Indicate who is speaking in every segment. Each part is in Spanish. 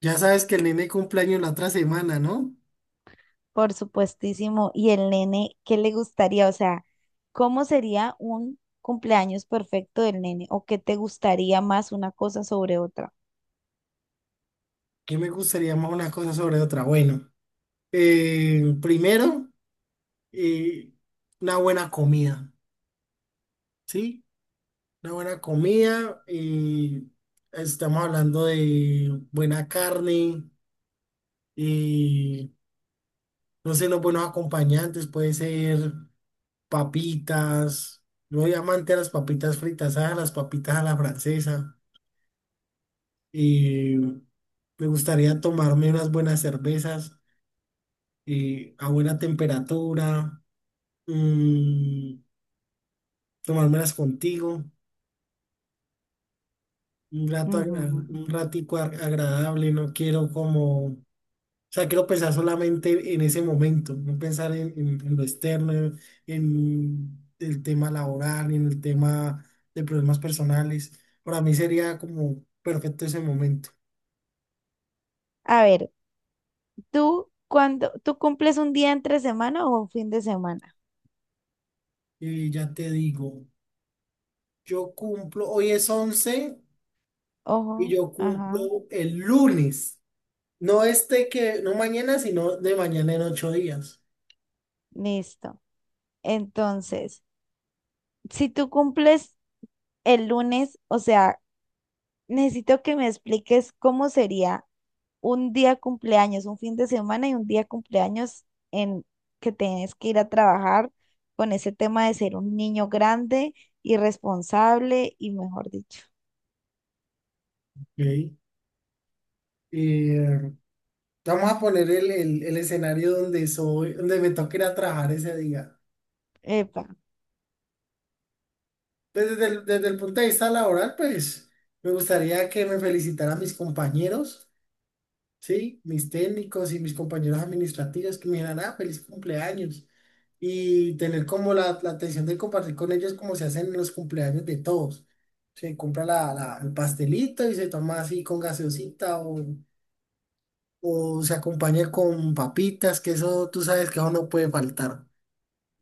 Speaker 1: Ya sabes que el nene cumpleaños la otra semana, ¿no?
Speaker 2: Por supuestísimo. Y el nene, ¿qué le gustaría? O sea, ¿cómo sería un cumpleaños perfecto del nene? ¿O qué te gustaría más una cosa sobre otra?
Speaker 1: ¿Qué me gustaría más una cosa sobre otra? Bueno, primero, eh, una buena comida, ¿sí? Una buena comida, estamos hablando de buena carne, eh, no sé, los buenos acompañantes, puede ser papitas, yo soy amante a las papitas fritas, a las papitas a la francesa, eh, me gustaría tomarme unas buenas cervezas. A buena temperatura, mm, tomármelas contigo, un rato,
Speaker 2: Ujú.
Speaker 1: un ratico agradable, no quiero como, o sea, quiero pensar solamente en ese momento, no pensar en, en lo externo, en el tema laboral, en el tema de problemas personales. Para mí sería como perfecto ese momento.
Speaker 2: A ver, ¿tú cuando tú cumples un día entre semana o un fin de semana?
Speaker 1: Y ya te digo, yo cumplo, hoy es 11 y
Speaker 2: Ojo,
Speaker 1: yo
Speaker 2: ajá,
Speaker 1: cumplo el lunes. No este que, no mañana, sino de mañana en 8 días.
Speaker 2: listo. Entonces, si tú cumples el lunes, o sea, necesito que me expliques cómo sería un día cumpleaños, un fin de semana y un día cumpleaños en que tienes que ir a trabajar con ese tema de ser un niño grande y responsable y mejor dicho.
Speaker 1: Ok. Eh, vamos a poner el, el escenario donde soy, donde me toque ir a trabajar ese día.
Speaker 2: Epa,
Speaker 1: Pues desde el punto de vista laboral, pues me gustaría que me felicitaran mis compañeros. Sí, mis técnicos y mis compañeros administrativos que me dijeran, ah, feliz cumpleaños. Y tener como la atención de compartir con ellos como se hacen en los cumpleaños de todos. Se compra la, el pastelito y se toma así con gaseosita o se acompaña con papitas, que eso tú sabes que eso no puede faltar.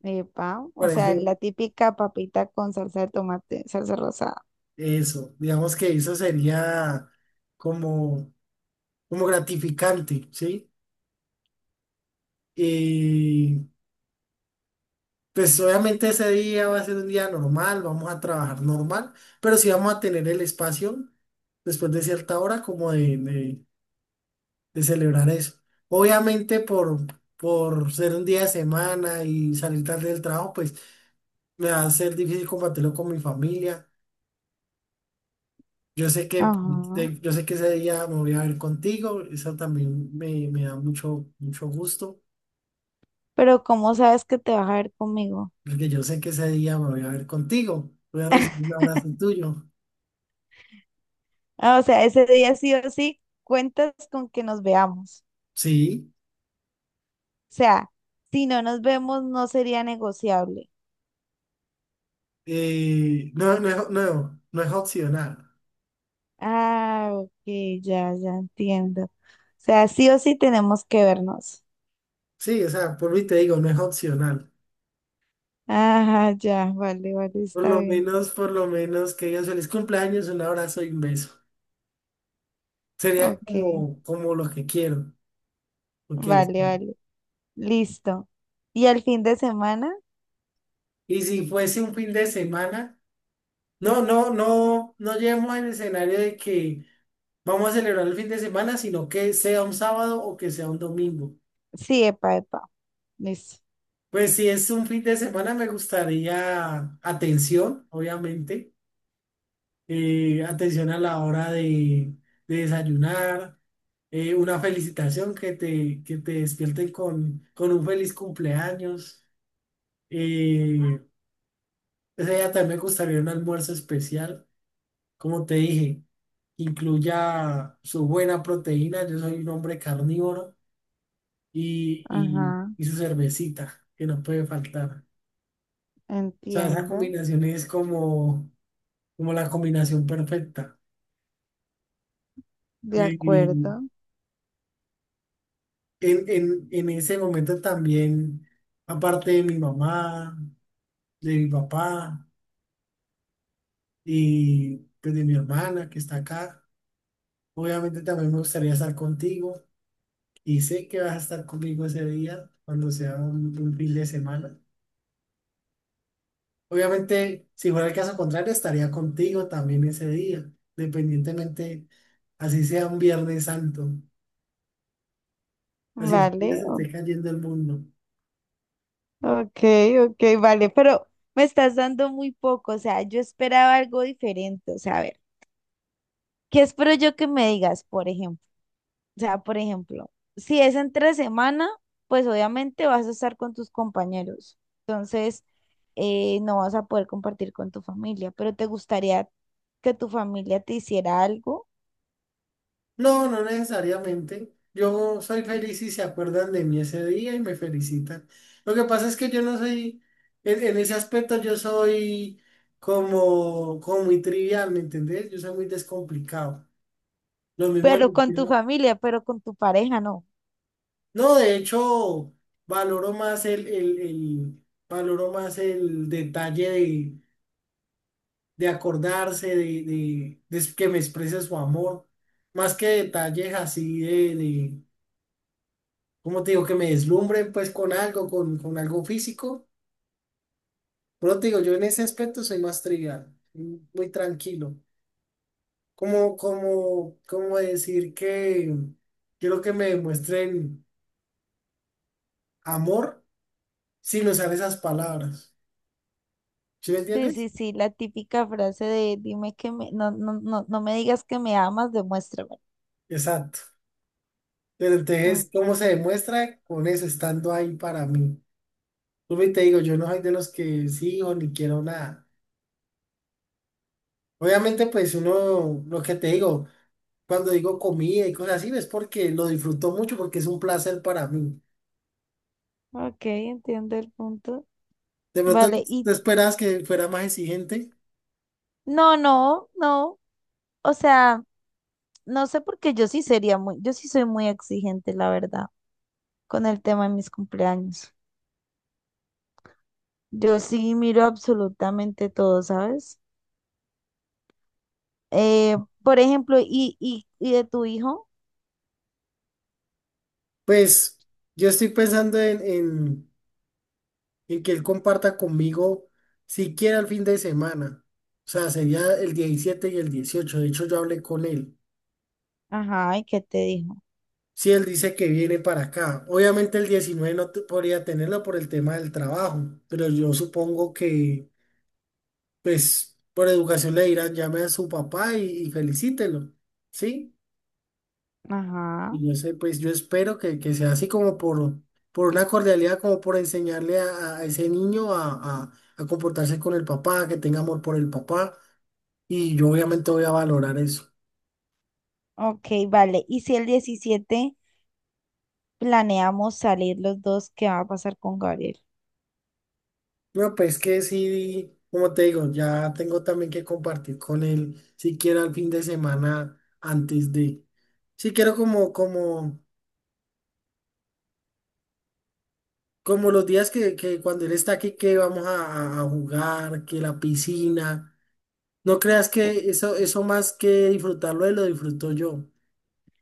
Speaker 2: epa, o
Speaker 1: Parece
Speaker 2: sea, la típica papita con salsa de tomate, salsa rosada.
Speaker 1: eso. Digamos que eso sería como, como gratificante, ¿sí? Pues obviamente ese día va a ser un día normal, vamos a trabajar normal, pero sí vamos a tener el espacio después de cierta hora como de, de celebrar eso. Obviamente por ser un día de semana y salir tarde del trabajo, pues me va a ser difícil compartirlo con mi familia. Yo sé que,
Speaker 2: Ajá.
Speaker 1: yo sé que ese día me voy a ver contigo, eso también me da mucho, mucho gusto,
Speaker 2: Pero ¿cómo sabes que te vas a ver conmigo?
Speaker 1: porque yo sé que ese día me voy a ver contigo, voy a recibir un abrazo tuyo.
Speaker 2: Ah, o sea, ese día sí o sí, cuentas con que nos veamos.
Speaker 1: Sí.
Speaker 2: Sea, si no nos vemos, no sería negociable.
Speaker 1: Y no, no es, no, no es opcional.
Speaker 2: Ah, ok, ya, ya entiendo. O sea, sí o sí tenemos que vernos.
Speaker 1: Sí, o sea, por mí te digo, no es opcional.
Speaker 2: Ajá, ya, vale, vale, está bien.
Speaker 1: Por lo menos que digas feliz cumpleaños, un abrazo y un beso. Sería
Speaker 2: Ok,
Speaker 1: como, como lo que quiero. Ok.
Speaker 2: vale, vale, listo. ¿Y el fin de semana?
Speaker 1: Y si fuese un fin de semana, no, no, no, no lleguemos al escenario de que vamos a celebrar el fin de semana, sino que sea un sábado o que sea un domingo.
Speaker 2: Sí, epa, epa, listo.
Speaker 1: Pues si es un fin de semana, me gustaría atención, obviamente atención a la hora de desayunar, una felicitación que te despierten con un feliz cumpleaños. Eh, ese día también me gustaría un almuerzo especial, como te dije, incluya su buena proteína, yo soy un hombre carnívoro,
Speaker 2: Ajá,
Speaker 1: y su cervecita, que no puede faltar. O sea, esa
Speaker 2: entiendo,
Speaker 1: combinación es como, como la combinación perfecta.
Speaker 2: de
Speaker 1: Y
Speaker 2: acuerdo.
Speaker 1: en, en ese momento también, aparte de mi mamá, de mi papá y pues, de mi hermana que está acá, obviamente también me gustaría estar contigo y sé que vas a estar conmigo ese día cuando sea un fin de semana. Obviamente, si fuera el caso contrario, estaría contigo también ese día, dependientemente así sea un Viernes Santo, así es que
Speaker 2: Vale,
Speaker 1: se
Speaker 2: o-
Speaker 1: esté cayendo el mundo.
Speaker 2: ok, ok, vale, pero me estás dando muy poco, o sea, yo esperaba algo diferente, o sea, a ver. ¿Qué espero yo que me digas, por ejemplo? O sea, por ejemplo, si es entre semana, pues obviamente vas a estar con tus compañeros. Entonces, no vas a poder compartir con tu familia, pero te gustaría que tu familia te hiciera algo,
Speaker 1: No, no necesariamente. Yo soy feliz si se acuerdan de mí ese día y me felicitan. Lo que pasa es que yo no soy, en ese aspecto yo soy como, como muy trivial, ¿me entendés? Yo soy muy descomplicado. Lo mismo en
Speaker 2: pero
Speaker 1: el
Speaker 2: con tu
Speaker 1: tema.
Speaker 2: familia, pero con tu pareja, no.
Speaker 1: No, de hecho, valoro más el, valoro más el detalle de acordarse, de que me exprese su amor, más que detalles así de, de. Cómo te digo, que me deslumbre pues con algo físico. Pero te digo, yo en ese aspecto soy más trivial, muy tranquilo. Como, como, como decir que quiero que me demuestren amor sin usar esas palabras. ¿Sí me
Speaker 2: Sí,
Speaker 1: entiendes?
Speaker 2: sí, sí, la típica frase de dime que me, no, no, no, no me digas que me amas, demuéstrame.
Speaker 1: Exacto. Pero
Speaker 2: Ah,
Speaker 1: entonces, ¿cómo se demuestra? Con eso, estando ahí para mí. Vuelvo y te digo, yo no soy de los que sí o ni quiero nada. Obviamente, pues uno, lo que te digo. Cuando digo comida y cosas así, es porque lo disfruto mucho, porque es un placer para mí.
Speaker 2: ok, entiendo el punto.
Speaker 1: De pronto tú
Speaker 2: Vale, y
Speaker 1: tú esperabas que fuera más exigente.
Speaker 2: no, no, no, o sea. No sé porque yo sí sería muy, yo sí soy muy exigente, la verdad, con el tema de mis cumpleaños. Yo sí miro absolutamente todo, ¿sabes? Eh, por ejemplo, y de tu hijo.
Speaker 1: Pues yo estoy pensando en, en que él comparta conmigo siquiera el fin de semana. O sea, sería el 17 y el 18. De hecho, yo hablé con él.
Speaker 2: Ajá, ¿y qué te dijo?
Speaker 1: Si él dice que viene para acá, obviamente el 19 no te- podría tenerlo por el tema del trabajo, pero yo supongo que, pues, por educación le dirán, llame a su papá y felicítelo. ¿Sí?
Speaker 2: Ajá.
Speaker 1: Y yo sé, pues yo espero que sea así como por una cordialidad, como por enseñarle a ese niño a, a comportarse con el papá, que tenga amor por el papá. Y yo obviamente voy a valorar eso.
Speaker 2: Ok, vale. ¿Y si el 17 planeamos salir los dos, qué va a pasar con Gabriel?
Speaker 1: No pues que sí, como te digo, ya tengo también que compartir con él, siquiera el fin de semana antes de... Si quiero como, como, como los días que cuando él está aquí, que vamos a, a jugar, que la piscina. No creas que eso más que disfrutarlo, él lo disfruto yo.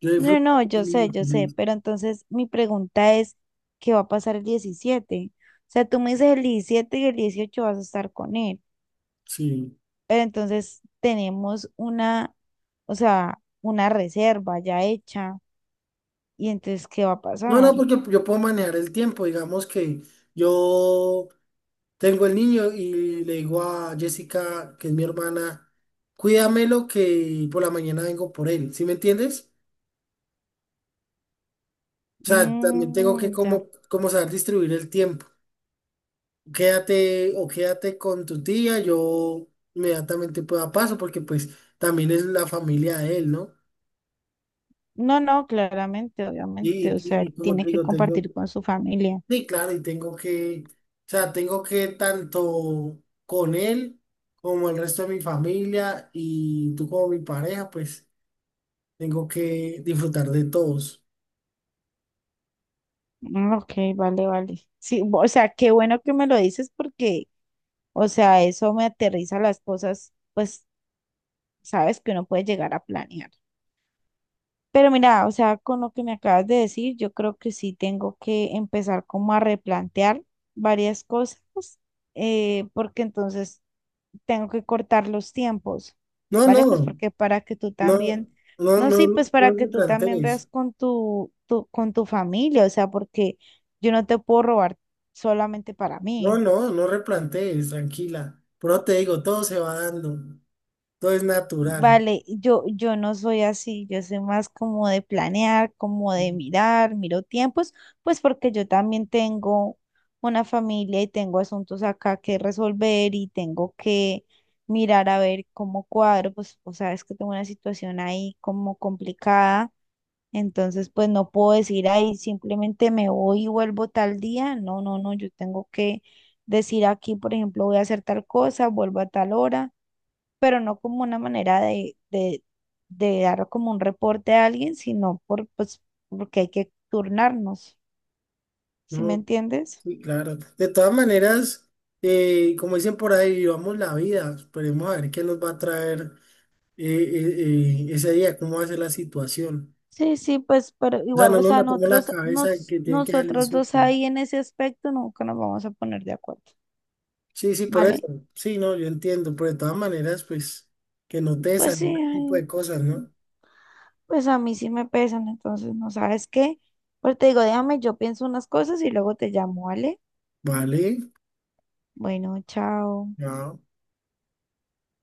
Speaker 1: Yo
Speaker 2: No,
Speaker 1: disfruto.
Speaker 2: no,
Speaker 1: De mi niño.
Speaker 2: yo sé, pero entonces mi pregunta es, ¿qué va a pasar el 17? O sea, tú me dices el 17 y el 18 vas a estar con él,
Speaker 1: Sí.
Speaker 2: pero entonces tenemos una, o sea, una reserva ya hecha, y entonces, ¿qué va a
Speaker 1: No,
Speaker 2: pasar?
Speaker 1: no, porque yo puedo manejar el tiempo. Digamos que yo tengo el niño y le digo a Jessica, que es mi hermana, cuídamelo que por la mañana vengo por él. ¿Sí me entiendes? O sea, también tengo que
Speaker 2: Mm, ya.
Speaker 1: como, como saber distribuir el tiempo. Quédate o quédate con tu tía, yo inmediatamente pueda paso porque pues también es la familia de él, ¿no?
Speaker 2: No, no, claramente,
Speaker 1: Y,
Speaker 2: obviamente, o sea,
Speaker 1: y como te
Speaker 2: tiene que
Speaker 1: digo, tengo,
Speaker 2: compartir con su familia.
Speaker 1: sí, claro, y tengo que, o sea, tengo que tanto con él como el resto de mi familia y tú como mi pareja, pues tengo que disfrutar de todos.
Speaker 2: Mm, ok, vale, vale. Sí, o sea, qué bueno que me lo dices porque, o sea, eso me aterriza las cosas, pues sabes que uno puede llegar a planear. Pero mira, o sea, con lo que me acabas de decir, yo creo que sí tengo que empezar como a replantear varias cosas, porque entonces tengo que cortar los tiempos,
Speaker 1: No, no,
Speaker 2: ¿vale? Pues porque para que tú
Speaker 1: no,
Speaker 2: también,
Speaker 1: no,
Speaker 2: no,
Speaker 1: no,
Speaker 2: sí, pues para
Speaker 1: no
Speaker 2: que tú también
Speaker 1: replantees.
Speaker 2: veas con tu, con tu familia, o sea, porque yo no te puedo robar solamente para
Speaker 1: No,
Speaker 2: mí.
Speaker 1: no, no replantees, tranquila. Pero te digo, todo se va dando, todo es natural.
Speaker 2: Vale, yo no soy así, yo soy más como de planear, como de mirar, miro tiempos, pues porque yo también tengo una familia y tengo asuntos acá que resolver y tengo que mirar a ver cómo cuadro, pues o sea, es que tengo una situación ahí como complicada, entonces pues no puedo decir ahí simplemente me voy y vuelvo tal día, no, no, no, yo tengo que decir aquí, por ejemplo, voy a hacer tal cosa, vuelvo a tal hora, pero no como una manera de dar como un reporte a alguien, sino por, pues, porque hay que turnarnos, ¿sí me
Speaker 1: No,
Speaker 2: entiendes?
Speaker 1: sí, claro. De todas maneras, como dicen por ahí, vivamos la vida. Esperemos a ver qué nos va a traer ese día, cómo va a ser la situación.
Speaker 2: Sí, sí, pues, pero
Speaker 1: O sea,
Speaker 2: igual,
Speaker 1: no
Speaker 2: o
Speaker 1: nos
Speaker 2: sea,
Speaker 1: matemos la cabeza de que tiene que salir el
Speaker 2: nosotros dos
Speaker 1: súper.
Speaker 2: ahí en ese aspecto nunca nos vamos a poner de acuerdo,
Speaker 1: Sí, sí, por eso.
Speaker 2: ¿vale?
Speaker 1: Sí, no, yo entiendo. Pero de todas maneras, pues, que no te
Speaker 2: Pues sí,
Speaker 1: desanimen ese tipo
Speaker 2: ay,
Speaker 1: de cosas, ¿no?
Speaker 2: pues a mí sí me pesan, entonces, ¿no sabes qué? Pues te digo, déjame, yo pienso unas cosas y luego te llamo, ¿vale?
Speaker 1: Vale.
Speaker 2: Bueno, chao.
Speaker 1: Ya.